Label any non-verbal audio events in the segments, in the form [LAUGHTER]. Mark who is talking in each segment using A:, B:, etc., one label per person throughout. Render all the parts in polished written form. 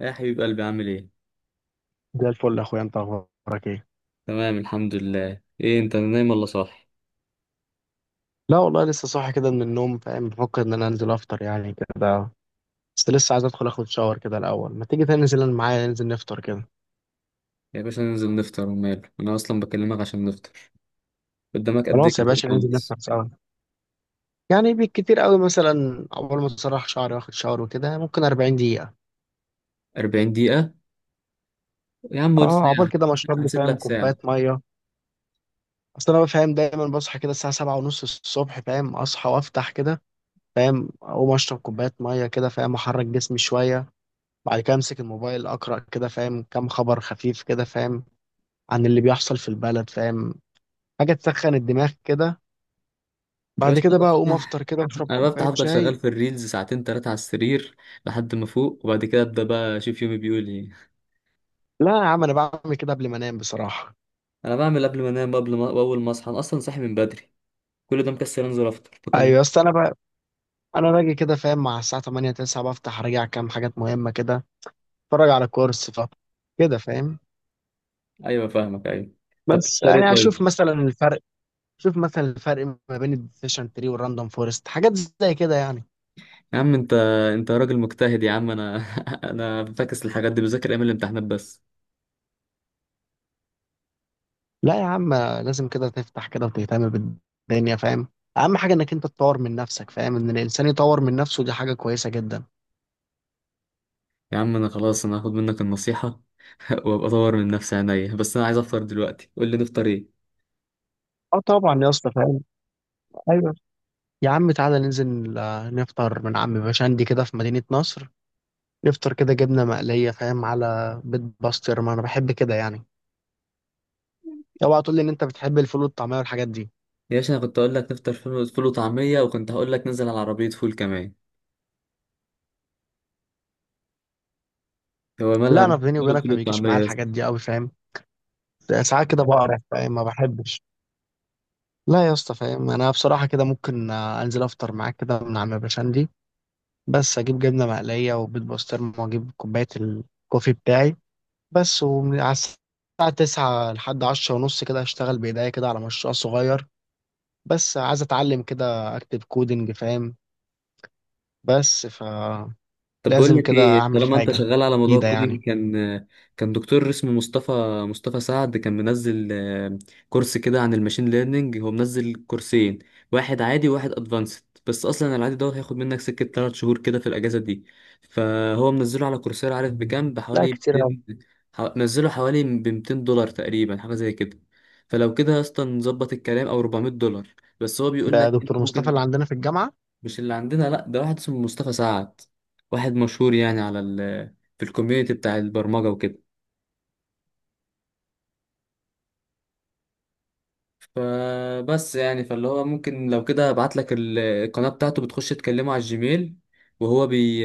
A: يا حبيب قلبي، عامل ايه؟
B: زي الفل يا اخويا، انت اخبارك ايه؟
A: تمام، الحمد لله. ايه انت نايم ولا صاحي؟
B: لا والله لسه صاحي كده من النوم، فاهم، بفكر ان انا انزل افطر يعني كده. بس لسه عايز ادخل اخد شاور كده الاول، ما تيجي تاني ننزل معايا، ننزل نفطر كده.
A: يا باشا ننزل نفطر وماله، انا اصلا بكلمك عشان نفطر. قدامك قد ايه
B: خلاص يا
A: كده
B: باشا، ننزل نفطر
A: خالص؟
B: سوا. يعني بالكتير قوي مثلا اول ما اسرح شعري واخد شاور وكده ممكن 40 دقيقة.
A: 40 دقيقة؟ يا عم قول
B: اه عقبال
A: ساعة.
B: كده ما اشرب لي،
A: هسيب
B: فاهم،
A: لك
B: كوباية
A: ساعة.
B: مية. اصل انا، فاهم، دايما بصحى كده الساعة سبعة ونص الصبح، فاهم، اصحى وافتح كده، فاهم، اقوم اشرب كوباية مية كده، فاهم، احرك جسمي شوية. بعد كده امسك الموبايل اقرا كده، فاهم، كام خبر خفيف كده، فاهم، عن اللي بيحصل في البلد، فاهم، حاجه تسخن الدماغ كده.
A: يا
B: بعد
A: باشا انا
B: كده بقى اقوم افطر
A: بفتح
B: كده اشرب
A: انا بفتح
B: كوبايه
A: افضل شغال
B: شاي.
A: في الريلز ساعتين تلاتة على السرير لحد ما فوق، وبعد كده ابدا بقى اشوف يومي بيقول ايه.
B: لا يا عم، انا بعمل كده قبل ما انام بصراحه.
A: انا بعمل قبل ما انام، قبل ما واول ما اصحى انا اصلا صاحي من بدري. كل ده مكسل انزل افطر بكلم.
B: ايوه اصل انا بقى انا باجي كده، فاهم، مع الساعه 8 9 بفتح راجع كام حاجات مهمه كده، اتفرج على كورس كده، فاهم.
A: ايوه، فاهمك، ايوه. طب
B: بس
A: بتفطر ايه
B: يعني اشوف
A: طيب؟
B: مثلا الفرق شوف مثلا الفرق ما بين الديسيشن تري والراندوم فورست، حاجات زي كده يعني.
A: يا عم انت راجل مجتهد يا عم، انا [LAUGHS] انا فاكس الحاجات دي، بذاكر ايام الامتحانات بس.
B: لا يا عم، لازم كده تفتح كده وتهتم بالدنيا، فاهم. اهم حاجه انك انت تطور من نفسك، فاهم ان الانسان يطور من نفسه دي حاجه كويسه جدا.
A: يا عم انا خلاص، انا هاخد منك النصيحة [LAUGHS] وابقى اطور من نفسي عينيا، بس انا عايز افطر دلوقتي، قول لي نفطر ايه.
B: اه طبعا يا اسطى فاهم. ايوه يا عم، تعالى ننزل نفطر من عم باشندي كده في مدينه نصر. نفطر كده جبنه مقليه، فاهم، على بيض باسترما، انا بحب كده يعني. اوعى تقول لي ان انت بتحب الفول والطعميه والحاجات دي.
A: يا باشا انا كنت اقول لك نفطر فول، فول وطعمية، وكنت هقول لك ننزل على عربية فول كمان. هو مالها؟
B: لا انا بيني
A: ماله
B: وبينك
A: فول
B: ما بيجيش معايا
A: وطعمية؟
B: الحاجات دي قوي، فاهم. ساعات كده بقرف، فاهم، ما بحبش. لا يا اسطى، فاهم، انا بصراحه كده ممكن انزل افطر معاك كده من عم باشندي. بس اجيب جبنه مقليه وبيض بسطرمه واجيب كوبايه الكوفي بتاعي بس. وعلى الساعه 9 لحد 10 ونص كده هشتغل بايديا كده على مشروع صغير، بس عايز اتعلم كده اكتب كودنج، فاهم. فلازم
A: طب بقول لك
B: كده
A: ايه،
B: اعمل
A: طالما انت
B: حاجه
A: شغال على موضوع
B: مفيده يعني.
A: الكودينج، كان دكتور اسمه مصطفى سعد، كان منزل كورس كده عن الماشين ليرنينج. هو منزل كورسين، واحد عادي وواحد ادفانسد. بس اصلا العادي دوت هياخد منك سكه 3 شهور كده في الاجازه دي. فهو منزله على كورسيرا، عارف بكام؟
B: لا
A: بحوالي
B: كتير أوي.
A: 200. نزله حوالي ب 200 دولار تقريبا، حاجه زي كده. فلو كده اصلا نظبط الكلام، او 400 دولار. بس هو بيقول
B: ده
A: لك انت
B: دكتور مصطفى
A: ممكن.
B: اللي عندنا في الجامعه؟
A: مش اللي عندنا، لا، ده واحد اسمه مصطفى سعد. واحد مشهور يعني على ال، في الكوميونتي بتاع البرمجة وكده. فبس يعني فاللي هو ممكن لو كده ابعت لك القناة بتاعته، بتخش تكلمه على الجيميل. وهو بي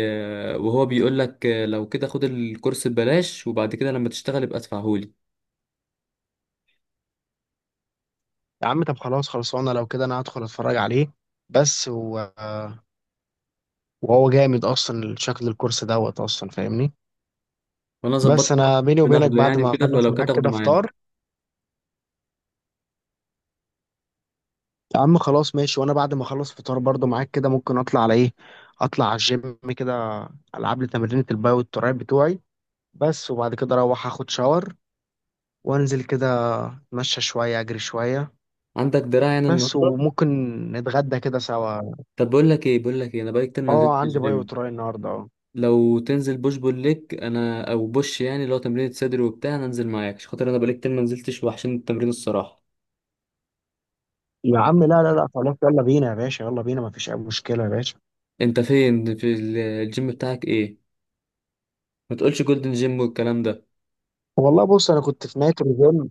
A: وهو بيقول لك لو كده خد الكورس ببلاش، وبعد كده لما تشتغل يبقى ادفعهولي.
B: يا عم طب خلاص خلصانه، لو كده انا هدخل اتفرج عليه. بس و... وهو جامد اصلا شكل الكورس دوت، اصلا فاهمني.
A: وانا
B: بس
A: ظبطت إن هو
B: انا بيني وبينك
A: بناخده
B: بعد
A: يعني
B: ما
A: وكده،
B: اخلص
A: فلو كده
B: معاك
A: تاخده
B: كده
A: معانا.
B: فطار. يا عم خلاص ماشي، وانا بعد ما اخلص فطار برضو معاك كده ممكن اطلع على ايه، اطلع على الجيم كده، العب لي تمرينة الباي والتراي بتوعي بس. وبعد كده اروح اخد شاور وانزل كده، اتمشى شوية اجري شوية.
A: عندك دراع يعني
B: بس
A: النهارده؟
B: وممكن نتغدى كده سوا.
A: طب بقول لك ايه، انا بقالي كتير ما
B: اه
A: نزلتش
B: عندي باي
A: الجيم.
B: وتراي النهارده اه.
A: لو تنزل بوش بول ليج انا، او بوش، يعني لو تمرين صدر وبتاع انا انزل معاك عشان خاطر انا بقالي كتير ما نزلتش، وحشين التمرين الصراحه.
B: يا عم لا خلاص، يلا بينا يا باشا، يلا بينا، مفيش اي مشكلة يا باشا.
A: انت فين، في الجيم بتاعك ايه؟ ما تقولش جولدن جيم والكلام ده.
B: والله بص انا كنت في نهاية اليوم.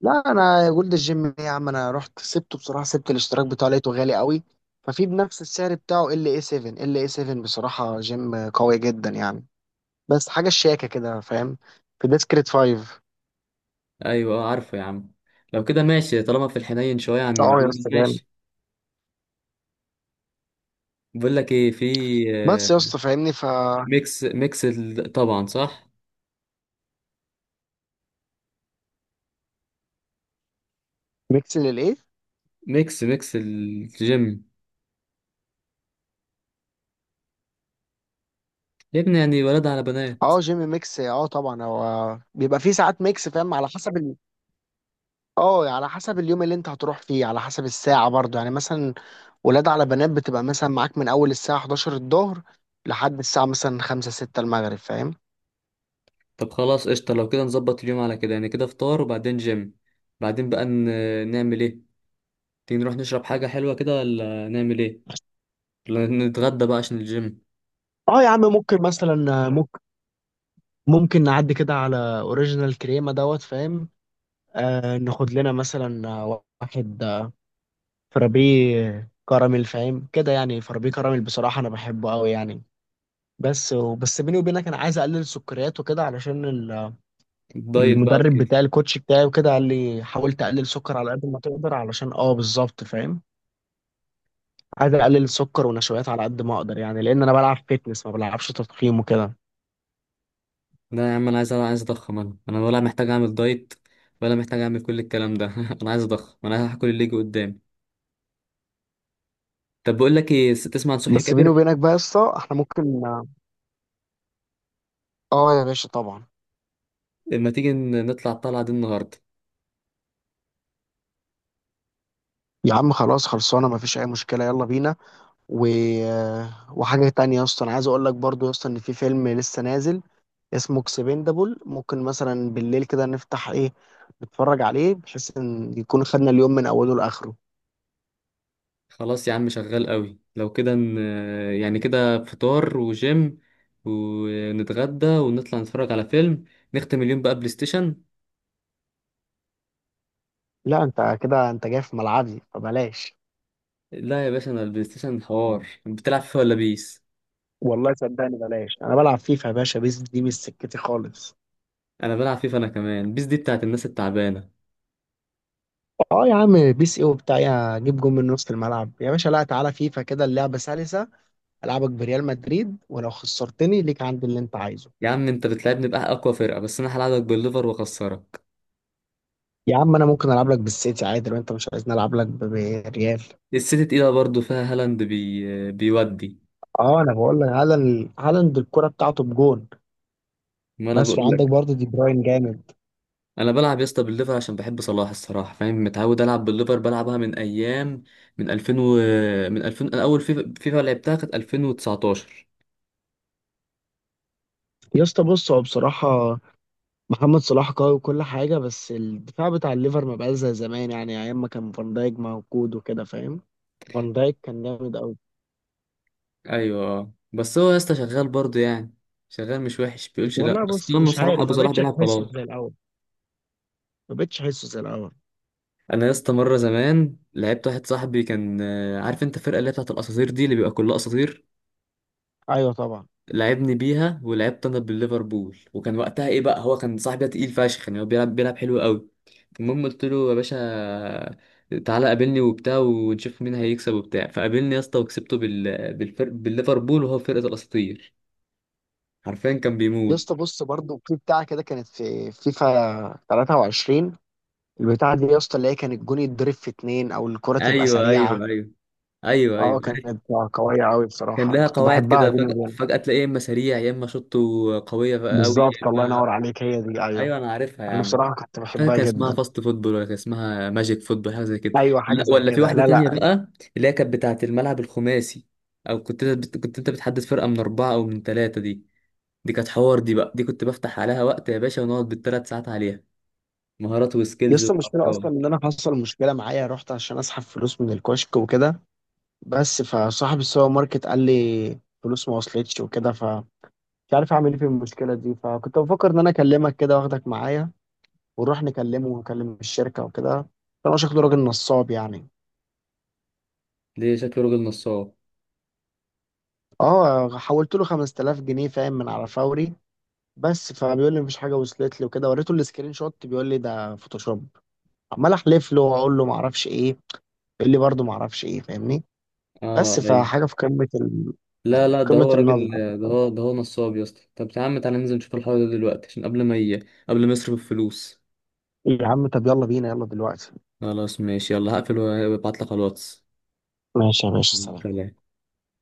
B: لا انا جولد الجيم إيه يا عم، انا رحت سبته بصراحه، سبت الاشتراك بتاعه، لقيته غالي قوي. ففي بنفس السعر بتاعه ال اي 7، بصراحه جيم قوي جدا يعني، بس حاجه شياكه كده فاهم. في ديسكريت 5.
A: ايوه، اه عارفه يا عم. لو كده ماشي، طالما في الحنين شويه عن
B: اه يا
A: جولدن
B: اسطى جامد.
A: ماشي. بقول لك ايه، في
B: بس يا
A: آه،
B: اسطى فاهمني ف
A: طبعا صح،
B: ميكس للايه؟
A: ميكس ميكس الجيم يا ابني، يعني ولاد على بنات.
B: اه جيم ميكس، اه طبعا، هو بيبقى فيه ساعات ميكس، فاهم، على حسب اه على حسب اليوم اللي انت هتروح فيه، على حسب الساعه برضه، يعني مثلا ولاد على بنات بتبقى مثلا معاك من اول الساعه 11 الظهر لحد الساعه مثلا 5 6 المغرب، فاهم.
A: طب خلاص قشطه، لو كده نظبط اليوم على كده، يعني كده فطار وبعدين جيم، بعدين بقى نعمل ايه؟ تيجي نروح نشرب حاجة حلوة كده، ولا نعمل ايه؟ ولا نتغدى بقى عشان الجيم؟
B: اه يا عم ممكن مثلا ممكن نعدي كده على اوريجينال كريمه دوت، فاهم. آه ناخد لنا مثلا واحد فرابيه كراميل، فاهم كده، يعني فرابيه كراميل بصراحه انا بحبه قوي يعني. بس بيني وبينك انا عايز اقلل السكريات وكده علشان
A: الدايت بقى
B: المدرب
A: وكده.
B: بتاعي، الكوتش بتاعي، وكده قال لي حاول تقلل سكر على قد ما تقدر، علشان اه بالظبط فاهم. عايز اقلل السكر ونشويات على قد ما اقدر يعني، لان انا بلعب فيتنس ما بلعبش تضخيم وكده.
A: لا يا عم انا عايز، عايز اضخم انا ولا محتاج اعمل دايت، ولا محتاج اعمل كل الكلام ده. [LAUGHS] انا عايز اضخم، انا هاكل اللي يجي قدامي. طب بقول لك ايه، تسمع عن صبحي
B: بس بيني
A: كابر؟
B: وبينك بقى يا اسطى احنا ممكن اه. آه يا باشا طبعا.
A: لما تيجي نطلع الطلعة دي النهاردة؟
B: يا عم خلاص خلصانه، ما فيش اي مشكله، يلا بينا. و... آه، وحاجه تانية يا اسطى، انا عايز اقول لك برضو يا اسطى ان في فيلم لسه نازل اسمه اكسبندابل، ممكن مثلا بالليل كده نفتح ايه، نتفرج عليه، بحيث ان يكون خدنا اليوم من اوله لاخره.
A: خلاص يا عم شغال قوي، لو كده يعني كده فطار وجيم، ونتغدى ونطلع نتفرج على فيلم، نختم اليوم بقى بلاي ستيشن.
B: لا انت كده انت جاي في ملعبي فبلاش.
A: لا يا باشا، انا البلاي ستيشن حوار، بتلعب فيه ولا بيس؟
B: والله صدقني بلاش، انا بلعب فيفا يا باشا، بيس دي مش سكتي خالص.
A: انا بلعب فيفا، انا كمان بيس دي بتاعت الناس التعبانه.
B: اه يا عم بيس ايه وبتاع، يا جيب جون من نص الملعب يا باشا. لا تعالى فيفا كده، اللعبه سلسه، العبك بريال مدريد، ولو خسرتني ليك عندي اللي انت عايزه.
A: يا عم انت بتلعبني بقى اقوى فرقه، بس انا هلعبك بالليفر واخسرك.
B: يا عم انا ممكن العب لك بالسيتي عادي لو انت مش عايزني العب لك بريال.
A: السيتي تقيله برضه، فيها هالاند بيودي.
B: اه انا بقول لك هالاند، الكره بتاعته بجون،
A: ما انا
B: بس
A: بقول
B: وعندك
A: لك.
B: برضه دي بروين جامد.
A: انا بلعب يا اسطى بالليفر عشان بحب صلاح الصراحه، فاهم، متعود العب بالليفر، بلعبها من ايام، من 2000 من 2000، انا اول فيفا لعبتها كانت 2019.
B: يا اسطى بص هو بصراحه محمد صلاح قوي وكل حاجه، بس الدفاع بتاع الليفر ما بقاش زي زمان، يعني ايام ما كان فان دايك موجود وكده، فاهم. فان دايك كان جامد.
A: ايوه بس هو يا اسطى شغال برضه يعني، شغال مش وحش بيقولش لا،
B: والله
A: بس
B: بص
A: طالما
B: مش
A: صلاح
B: عارف،
A: ابو
B: ما
A: صلاح
B: بقتش
A: بيلعب
B: احسه
A: خلاص.
B: زي الاول ما بقتش احسه زي الاول
A: انا يا اسطى مره زمان لعبت واحد صاحبي كان عارف انت الفرقه اللي هي بتاعت الاساطير دي، اللي بيبقى كلها اساطير.
B: ايوه طبعا.
A: لعبني بيها، ولعبت انا بالليفربول، وكان وقتها ايه بقى، هو كان صاحبي ده تقيل فشخ يعني، هو بيلعب، بيلعب حلو قوي. المهم قلت له يا باشا تعالى قابلني وبتاع ونشوف مين هيكسب وبتاع، فقابلني يا اسطى وكسبته بالفرق، بالليفربول، وهو فرقه الاساطير. حرفيا كان
B: يا
A: بيموت.
B: اسطى بص برضه في بتاعه كده كانت في فيفا 23، البتاعه دي يا اسطى اللي هي كان الجون يتضرب في اتنين او الكره تبقى
A: ايوه،
B: سريعه.
A: ايوه، ايوه. ايوه، ايوه
B: اه
A: عارف.
B: كانت قويه قوي
A: كان
B: بصراحه، انا
A: لها
B: كنت
A: قواعد
B: بحبها
A: كده،
B: بيني
A: فجأة،
B: وبين.
A: فجأة تلاقيه يا اما سريع يا اما شوطه قويه قوي، يا
B: بالظبط، الله
A: اما
B: ينور عليك، هي دي ايوه.
A: ايوه انا عارفها يا
B: انا
A: عم.
B: بصراحه كنت
A: مش فاكر
B: بحبها
A: كان اسمها
B: جدا.
A: فاست فوتبول، ولا كان اسمها ماجيك فوتبول، حاجه زي كده.
B: ايوه حاجه
A: لا [LAUGHS]
B: زي
A: ولا في
B: كده،
A: واحده
B: لا
A: تانية
B: لا
A: بقى، اللي هي كانت بتاعه الملعب الخماسي، او كنت انت كنت انت بتحدد فرقه من اربعه او من ثلاثه. دي، دي كانت حوار دي بقى، دي كنت بفتح عليها وقت يا باشا، ونقعد بالثلاث ساعات عليها، مهارات
B: يا
A: وسكيلز
B: اسطى المشكله اصلا
A: وارقام.
B: ان انا حصل مشكله معايا، رحت عشان اسحب فلوس من الكشك وكده، بس فصاحب السوبر ماركت قال لي فلوس ما وصلتش وكده، فمش عارف اعمل ايه في المشكله دي. فكنت بفكر ان انا اكلمك كده واخدك معايا، ونروح نكلمه ونكلم الشركه وكده، فانا شكله راجل نصاب يعني.
A: دي شكله راجل نصاب.
B: اه حولت له 5000 جنيه، فاهم، من على فوري. بس فبيقول لي مفيش حاجه وصلت لي وكده، وريته السكرين شوت بيقول لي ده فوتوشوب. عمال احلف له واقول له ما اعرفش ايه، بيقول لي برضه ما اعرفش ايه، فاهمني.
A: اه
B: بس
A: ايوه.
B: فحاجه في قمه
A: لا
B: يعني
A: لا، ده
B: قمه
A: هو
B: النصب.
A: راجل، ده هو نصاب يا اسطى. طب يا عم تعالى ننزل نشوف الحوار ده دلوقتي، عشان قبل ما يصرف الفلوس.
B: يا عم طب يلا بينا، يلا دلوقتي.
A: خلاص ماشي يلا، هقفل وابعت لك على الواتس.
B: ماشي يا باشا، سلام.
A: سلام.